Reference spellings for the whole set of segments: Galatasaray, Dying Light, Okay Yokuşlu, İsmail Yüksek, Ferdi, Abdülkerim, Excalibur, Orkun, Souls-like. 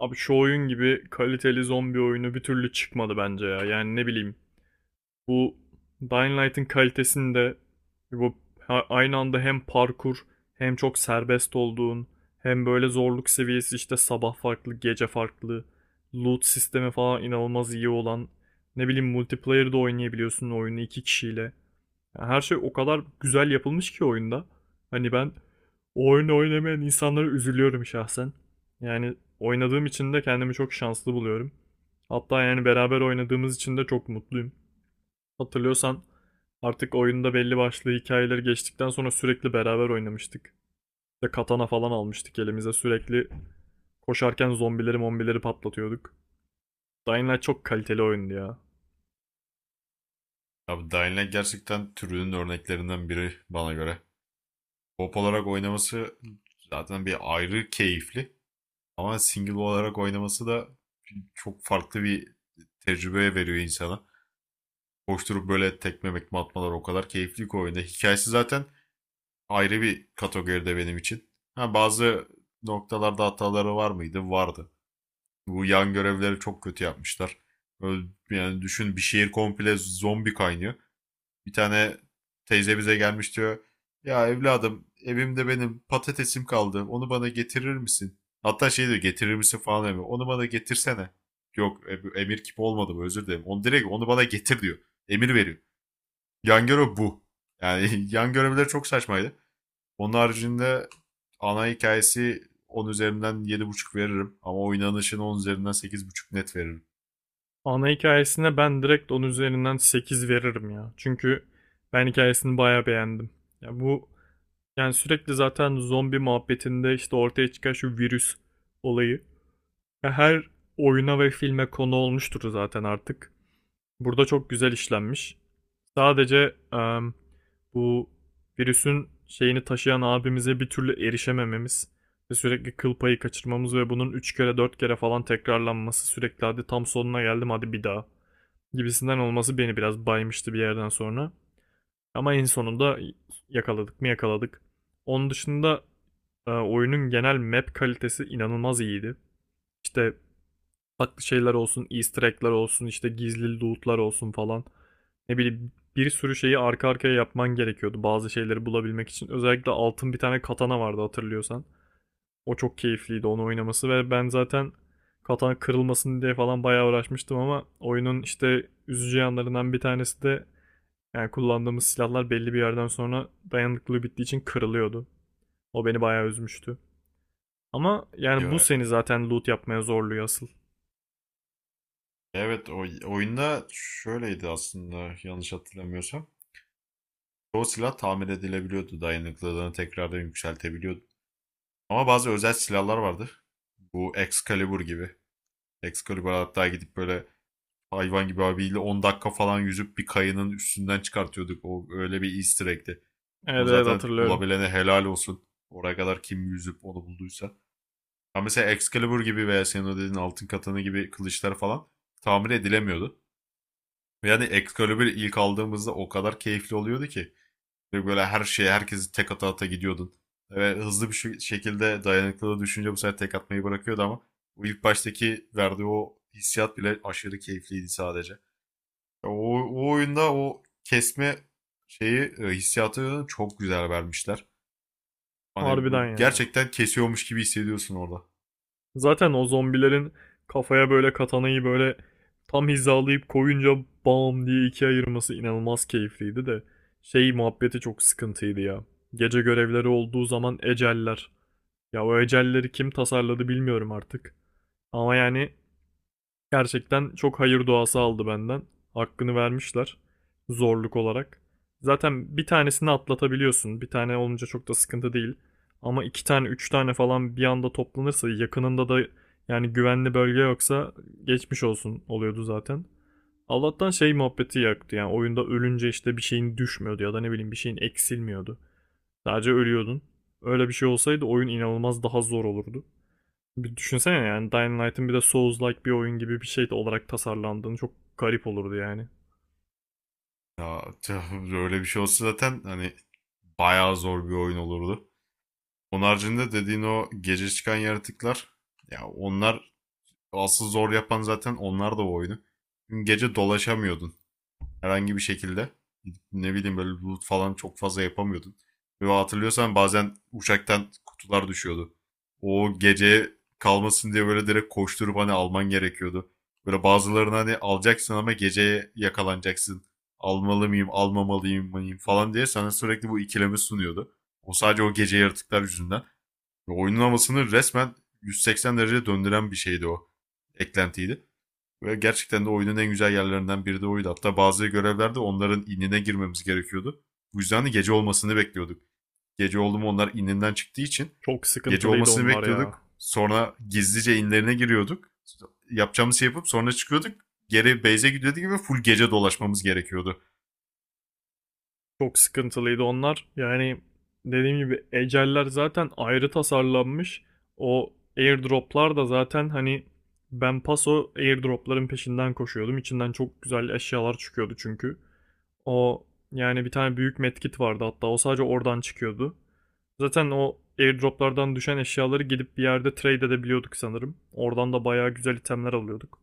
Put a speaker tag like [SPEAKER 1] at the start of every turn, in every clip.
[SPEAKER 1] Abi şu oyun gibi kaliteli zombi oyunu bir türlü çıkmadı bence ya. Yani ne bileyim bu Dying Light'ın kalitesini de bu aynı anda hem parkur, hem çok serbest olduğun, hem böyle zorluk seviyesi, işte sabah farklı gece farklı, loot sistemi falan inanılmaz iyi olan. Ne bileyim, multiplayer'da oynayabiliyorsun oyunu iki kişiyle. Yani her şey o kadar güzel yapılmış ki oyunda. Hani ben o oyunu oynamayan insanlara üzülüyorum şahsen. Yani oynadığım için de kendimi çok şanslı buluyorum. Hatta yani beraber oynadığımız için de çok mutluyum. Hatırlıyorsan, artık oyunda belli başlı hikayeler geçtikten sonra sürekli beraber oynamıştık. İşte katana falan almıştık elimize, sürekli koşarken zombileri mombileri patlatıyorduk. Dying Light çok kaliteli oyundu ya.
[SPEAKER 2] Abi Dying Light gerçekten türünün örneklerinden biri bana göre. Pop olarak oynaması zaten bir ayrı keyifli. Ama single olarak oynaması da çok farklı bir tecrübe veriyor insana. Koşturup böyle tekme mekme atmalar o kadar keyifli ki oyunda. Hikayesi zaten ayrı bir kategoride benim için. Ha, bazı noktalarda hataları var mıydı? Vardı. Bu yan görevleri çok kötü yapmışlar. Yani düşün bir şehir komple zombi kaynıyor. Bir tane teyze bize gelmiş diyor. Ya evladım evimde benim patatesim kaldı. Onu bana getirir misin? Hatta şey diyor getirir misin falan demiyor. Onu bana getirsene. Yok emir kipi olmadı bu özür dilerim. Onu direkt onu bana getir diyor. Emir veriyor. Yan görev bu. Yani yan görevler çok saçmaydı. Onun haricinde ana hikayesi 10 üzerinden 7,5 veririm. Ama oynanışını 10 üzerinden 8,5 net veririm.
[SPEAKER 1] Ana hikayesine ben direkt onun üzerinden 8 veririm ya. Çünkü ben hikayesini bayağı beğendim. Ya bu, yani sürekli zaten zombi muhabbetinde işte ortaya çıkan şu virüs olayı. Ya her oyuna ve filme konu olmuştur zaten artık. Burada çok güzel işlenmiş. Sadece bu virüsün şeyini taşıyan abimize bir türlü erişemememiz ve sürekli kıl payı kaçırmamız ve bunun 3 kere 4 kere falan tekrarlanması, sürekli hadi tam sonuna geldim hadi bir daha gibisinden olması beni biraz baymıştı bir yerden sonra. Ama en sonunda yakaladık mı yakaladık. Onun dışında oyunun genel map kalitesi inanılmaz iyiydi. İşte farklı şeyler olsun, easter egg'ler olsun, işte gizli loot'lar olsun falan. Ne bileyim, bir sürü şeyi arka arkaya yapman gerekiyordu bazı şeyleri bulabilmek için. Özellikle altın bir tane katana vardı, hatırlıyorsan. O çok keyifliydi onu oynaması ve ben zaten katana kırılmasın diye falan bayağı uğraşmıştım. Ama oyunun işte üzücü yanlarından bir tanesi de, yani kullandığımız silahlar belli bir yerden sonra dayanıklılığı bittiği için kırılıyordu. O beni bayağı üzmüştü. Ama yani bu
[SPEAKER 2] Ya,
[SPEAKER 1] seni zaten loot yapmaya zorluyor asıl.
[SPEAKER 2] evet o oyunda şöyleydi aslında yanlış hatırlamıyorsam. Çoğu silah tamir edilebiliyordu. Dayanıklılığını tekrardan yükseltebiliyordu. Ama bazı özel silahlar vardı. Bu Excalibur gibi. Excalibur hatta gidip böyle hayvan gibi abiyle 10 dakika falan yüzüp bir kayının üstünden çıkartıyorduk. O öyle bir easter egg'ti.
[SPEAKER 1] Evet,
[SPEAKER 2] Onu
[SPEAKER 1] evet,
[SPEAKER 2] zaten
[SPEAKER 1] hatırlıyorum.
[SPEAKER 2] bulabilene helal olsun. Oraya kadar kim yüzüp onu bulduysa. Ama mesela Excalibur gibi veya senin o dediğin altın katanı gibi kılıçlar falan tamir edilemiyordu. Yani Excalibur ilk aldığımızda o kadar keyifli oluyordu ki. Ve böyle her şeye herkesi tek ata ata gidiyordun. Ve hızlı bir şekilde dayanıklılığı düşünce bu sefer tek atmayı bırakıyordu ama o ilk baştaki verdiği o hissiyat bile aşırı keyifliydi sadece. O, o oyunda o kesme şeyi hissiyatı çok güzel vermişler. Hani
[SPEAKER 1] Harbiden ya.
[SPEAKER 2] gerçekten kesiyormuş gibi hissediyorsun orada.
[SPEAKER 1] Zaten o zombilerin kafaya böyle katanayı böyle tam hizalayıp koyunca bam diye ikiye ayırması inanılmaz keyifliydi de. Şey muhabbeti çok sıkıntıydı ya. Gece görevleri olduğu zaman eceller. Ya o ecelleri kim tasarladı bilmiyorum artık. Ama yani gerçekten çok hayır duası aldı benden. Hakkını vermişler zorluk olarak. Zaten bir tanesini atlatabiliyorsun. Bir tane olunca çok da sıkıntı değil. Ama iki tane, üç tane falan bir anda toplanırsa yakınında da, yani güvenli bölge yoksa, geçmiş olsun oluyordu zaten. Allah'tan şey muhabbeti yaktı, yani oyunda ölünce işte bir şeyin düşmüyordu ya da ne bileyim bir şeyin eksilmiyordu. Sadece ölüyordun. Öyle bir şey olsaydı oyun inanılmaz daha zor olurdu. Bir düşünsene, yani Dying Light'ın bir de Souls-like bir oyun gibi bir şey olarak tasarlandığını, çok garip olurdu yani.
[SPEAKER 2] Ya tüh, öyle bir şey olsa zaten hani bayağı zor bir oyun olurdu. Onun haricinde dediğin o gece çıkan yaratıklar ya onlar asıl zor yapan zaten onlar da o oyunu. Çünkü gece dolaşamıyordun herhangi bir şekilde. Ne bileyim böyle loot falan çok fazla yapamıyordun. Ve hatırlıyorsan bazen uçaktan kutular düşüyordu. O gece kalmasın diye böyle direkt koşturup hani alman gerekiyordu. Böyle bazılarını hani alacaksın ama geceye yakalanacaksın. Almalı mıyım, almamalıyım mıyım falan diye sana sürekli bu ikilemi sunuyordu. O sadece o gece yaratıklar yüzünden. Ve oyunun havasını resmen 180 derece döndüren bir şeydi o. Eklentiydi. Ve gerçekten de oyunun en güzel yerlerinden biri de oydu. Hatta bazı görevlerde onların inine girmemiz gerekiyordu. Bu yüzden de gece olmasını bekliyorduk. Gece oldu mu onlar ininden çıktığı için
[SPEAKER 1] Çok
[SPEAKER 2] gece
[SPEAKER 1] sıkıntılıydı
[SPEAKER 2] olmasını
[SPEAKER 1] onlar ya.
[SPEAKER 2] bekliyorduk. Sonra gizlice inlerine giriyorduk. Yapacağımız şey yapıp sonra çıkıyorduk. Geri base'e gidiyorduk gibi full gece dolaşmamız gerekiyordu.
[SPEAKER 1] Çok sıkıntılıydı onlar. Yani dediğim gibi eceller zaten ayrı tasarlanmış. O airdroplar da zaten hani, ben paso airdropların peşinden koşuyordum. İçinden çok güzel eşyalar çıkıyordu çünkü. O, yani bir tane büyük medkit vardı, hatta o sadece oradan çıkıyordu. Zaten o airdroplardan düşen eşyaları gidip bir yerde trade edebiliyorduk sanırım. Oradan da bayağı güzel itemler alıyorduk.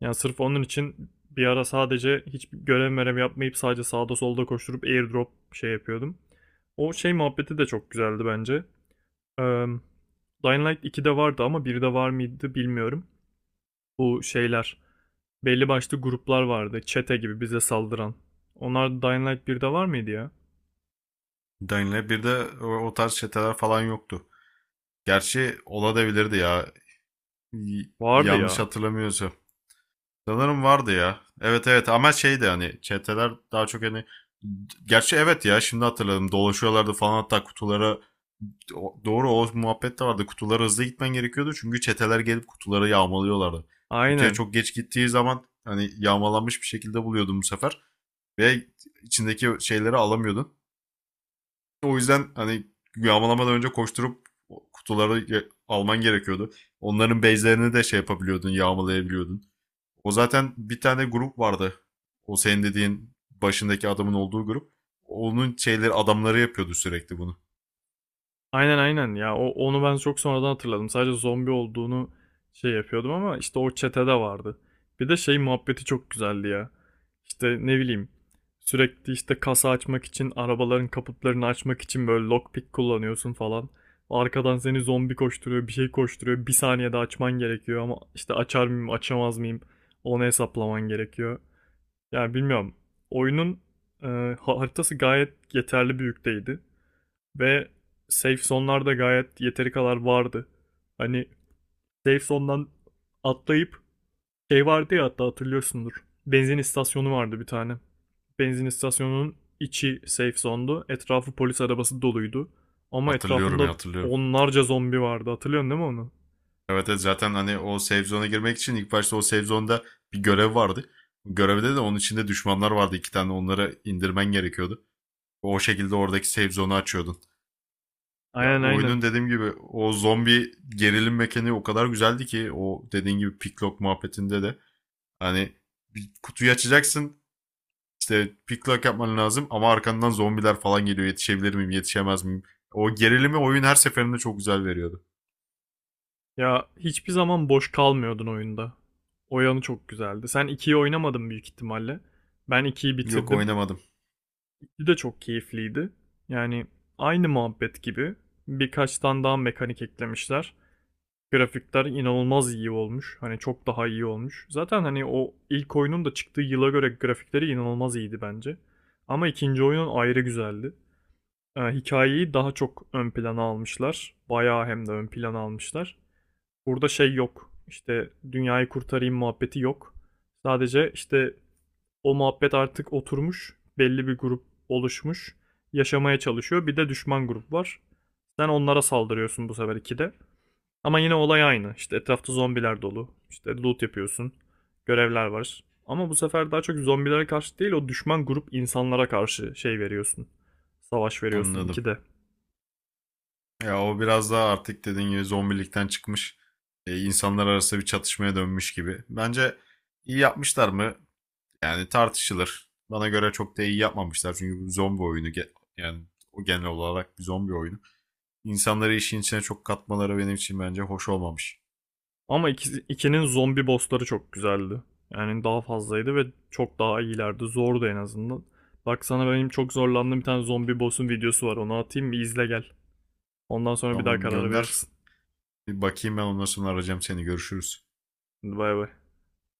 [SPEAKER 1] Yani sırf onun için bir ara sadece hiç görev merev yapmayıp sadece sağda solda koşturup airdrop şey yapıyordum. O şey muhabbeti de çok güzeldi bence. Eee Dying Light 2'de vardı ama 1'de var mıydı bilmiyorum. Bu şeyler, belli başlı gruplar vardı. Çete gibi bize saldıran. Onlar Dying Light 1'de var mıydı ya?
[SPEAKER 2] Dying Light 1'de o tarz çeteler falan yoktu. Gerçi olabilirdi ya,
[SPEAKER 1] Vardı
[SPEAKER 2] yanlış
[SPEAKER 1] ya.
[SPEAKER 2] hatırlamıyorsam. Sanırım vardı ya. Evet evet, ama şeydi hani çeteler daha çok hani, gerçi evet ya, şimdi hatırladım, dolaşıyorlardı falan hatta kutulara. Doğru, o muhabbet de vardı, kutulara hızlı gitmen gerekiyordu çünkü çeteler gelip kutuları yağmalıyorlardı. Kutuya
[SPEAKER 1] Aynen.
[SPEAKER 2] çok geç gittiği zaman hani yağmalanmış bir şekilde buluyordum bu sefer ve içindeki şeyleri alamıyordun. O yüzden hani yağmalamadan önce koşturup kutuları alman gerekiyordu. Onların base'lerini de şey yapabiliyordun, yağmalayabiliyordun. O zaten bir tane grup vardı. O senin dediğin başındaki adamın olduğu grup. Onun şeyleri adamları yapıyordu sürekli bunu.
[SPEAKER 1] Aynen, aynen ya, o, onu ben çok sonradan hatırladım. Sadece zombi olduğunu şey yapıyordum, ama işte o çetede vardı. Bir de şey muhabbeti çok güzeldi ya. İşte ne bileyim, sürekli işte kasa açmak için, arabaların kaputlarını açmak için böyle lockpick kullanıyorsun falan. Arkadan seni zombi koşturuyor, bir şey koşturuyor, bir saniyede açman gerekiyor ama işte açar mıyım açamaz mıyım, onu hesaplaman gerekiyor. Yani bilmiyorum, oyunun e, haritası gayet yeterli büyükteydi. Ve safe zone'larda gayet yeteri kadar vardı. Hani safe zone'dan atlayıp şey vardı ya, hatta hatırlıyorsundur. Benzin istasyonu vardı bir tane. Benzin istasyonunun içi safe zone'du. Etrafı polis arabası doluydu. Ama
[SPEAKER 2] Hatırlıyorum
[SPEAKER 1] etrafında
[SPEAKER 2] ya, hatırlıyorum.
[SPEAKER 1] onlarca zombi vardı. Hatırlıyorsun değil mi onu?
[SPEAKER 2] Evet evet, zaten hani o save zone'a girmek için ilk başta o save zone'da bir görev vardı. Görevde de onun içinde düşmanlar vardı, iki tane, onları indirmen gerekiyordu. O şekilde oradaki save zone'u açıyordun. Ya,
[SPEAKER 1] Aynen, aynen.
[SPEAKER 2] oyunun dediğim gibi o zombi gerilim mekaniği o kadar güzeldi ki, o dediğin gibi picklock muhabbetinde de hani bir kutuyu açacaksın. İşte pick lock yapman lazım ama arkandan zombiler falan geliyor. Yetişebilir miyim, yetişemez miyim? O gerilimi oyun her seferinde çok güzel veriyordu.
[SPEAKER 1] Ya hiçbir zaman boş kalmıyordun oyunda. O yanı çok güzeldi. Sen ikiyi oynamadın büyük ihtimalle. Ben ikiyi
[SPEAKER 2] Yok,
[SPEAKER 1] bitirdim
[SPEAKER 2] oynamadım.
[SPEAKER 1] de çok keyifliydi. Yani aynı muhabbet gibi birkaç tane daha mekanik eklemişler. Grafikler inanılmaz iyi olmuş. Hani çok daha iyi olmuş. Zaten hani o ilk oyunun da çıktığı yıla göre grafikleri inanılmaz iyiydi bence. Ama ikinci oyunun ayrı güzeldi. Hikayeyi daha çok ön plana almışlar. Bayağı hem de ön plana almışlar. Burada şey yok. İşte dünyayı kurtarayım muhabbeti yok. Sadece işte o muhabbet artık oturmuş. Belli bir grup oluşmuş. Yaşamaya çalışıyor. Bir de düşman grup var. Sen onlara saldırıyorsun bu sefer ikide. Ama yine olay aynı. İşte etrafta zombiler dolu. İşte loot yapıyorsun. Görevler var. Ama bu sefer daha çok zombilere karşı değil, o düşman grup insanlara karşı şey veriyorsun. Savaş veriyorsun
[SPEAKER 2] Anladım.
[SPEAKER 1] ikide.
[SPEAKER 2] Ya o biraz daha artık dediğin gibi zombilikten çıkmış. E, insanlar arası bir çatışmaya dönmüş gibi. Bence iyi yapmışlar mı? Yani tartışılır. Bana göre çok da iyi yapmamışlar. Çünkü bu zombi oyunu yani o genel olarak bir zombi oyunu. İnsanları işin içine çok katmaları benim için bence hoş olmamış.
[SPEAKER 1] Ama 2'nin zombi bossları çok güzeldi. Yani daha fazlaydı ve çok daha iyilerdi. Zordu en azından. Bak sana benim çok zorlandığım bir tane zombi boss'un videosu var. Onu atayım bir izle gel. Ondan sonra bir daha
[SPEAKER 2] Tamam,
[SPEAKER 1] karara
[SPEAKER 2] gönder.
[SPEAKER 1] verirsin.
[SPEAKER 2] Bir bakayım, ben ondan sonra arayacağım seni. Görüşürüz.
[SPEAKER 1] Hadi, bay bay.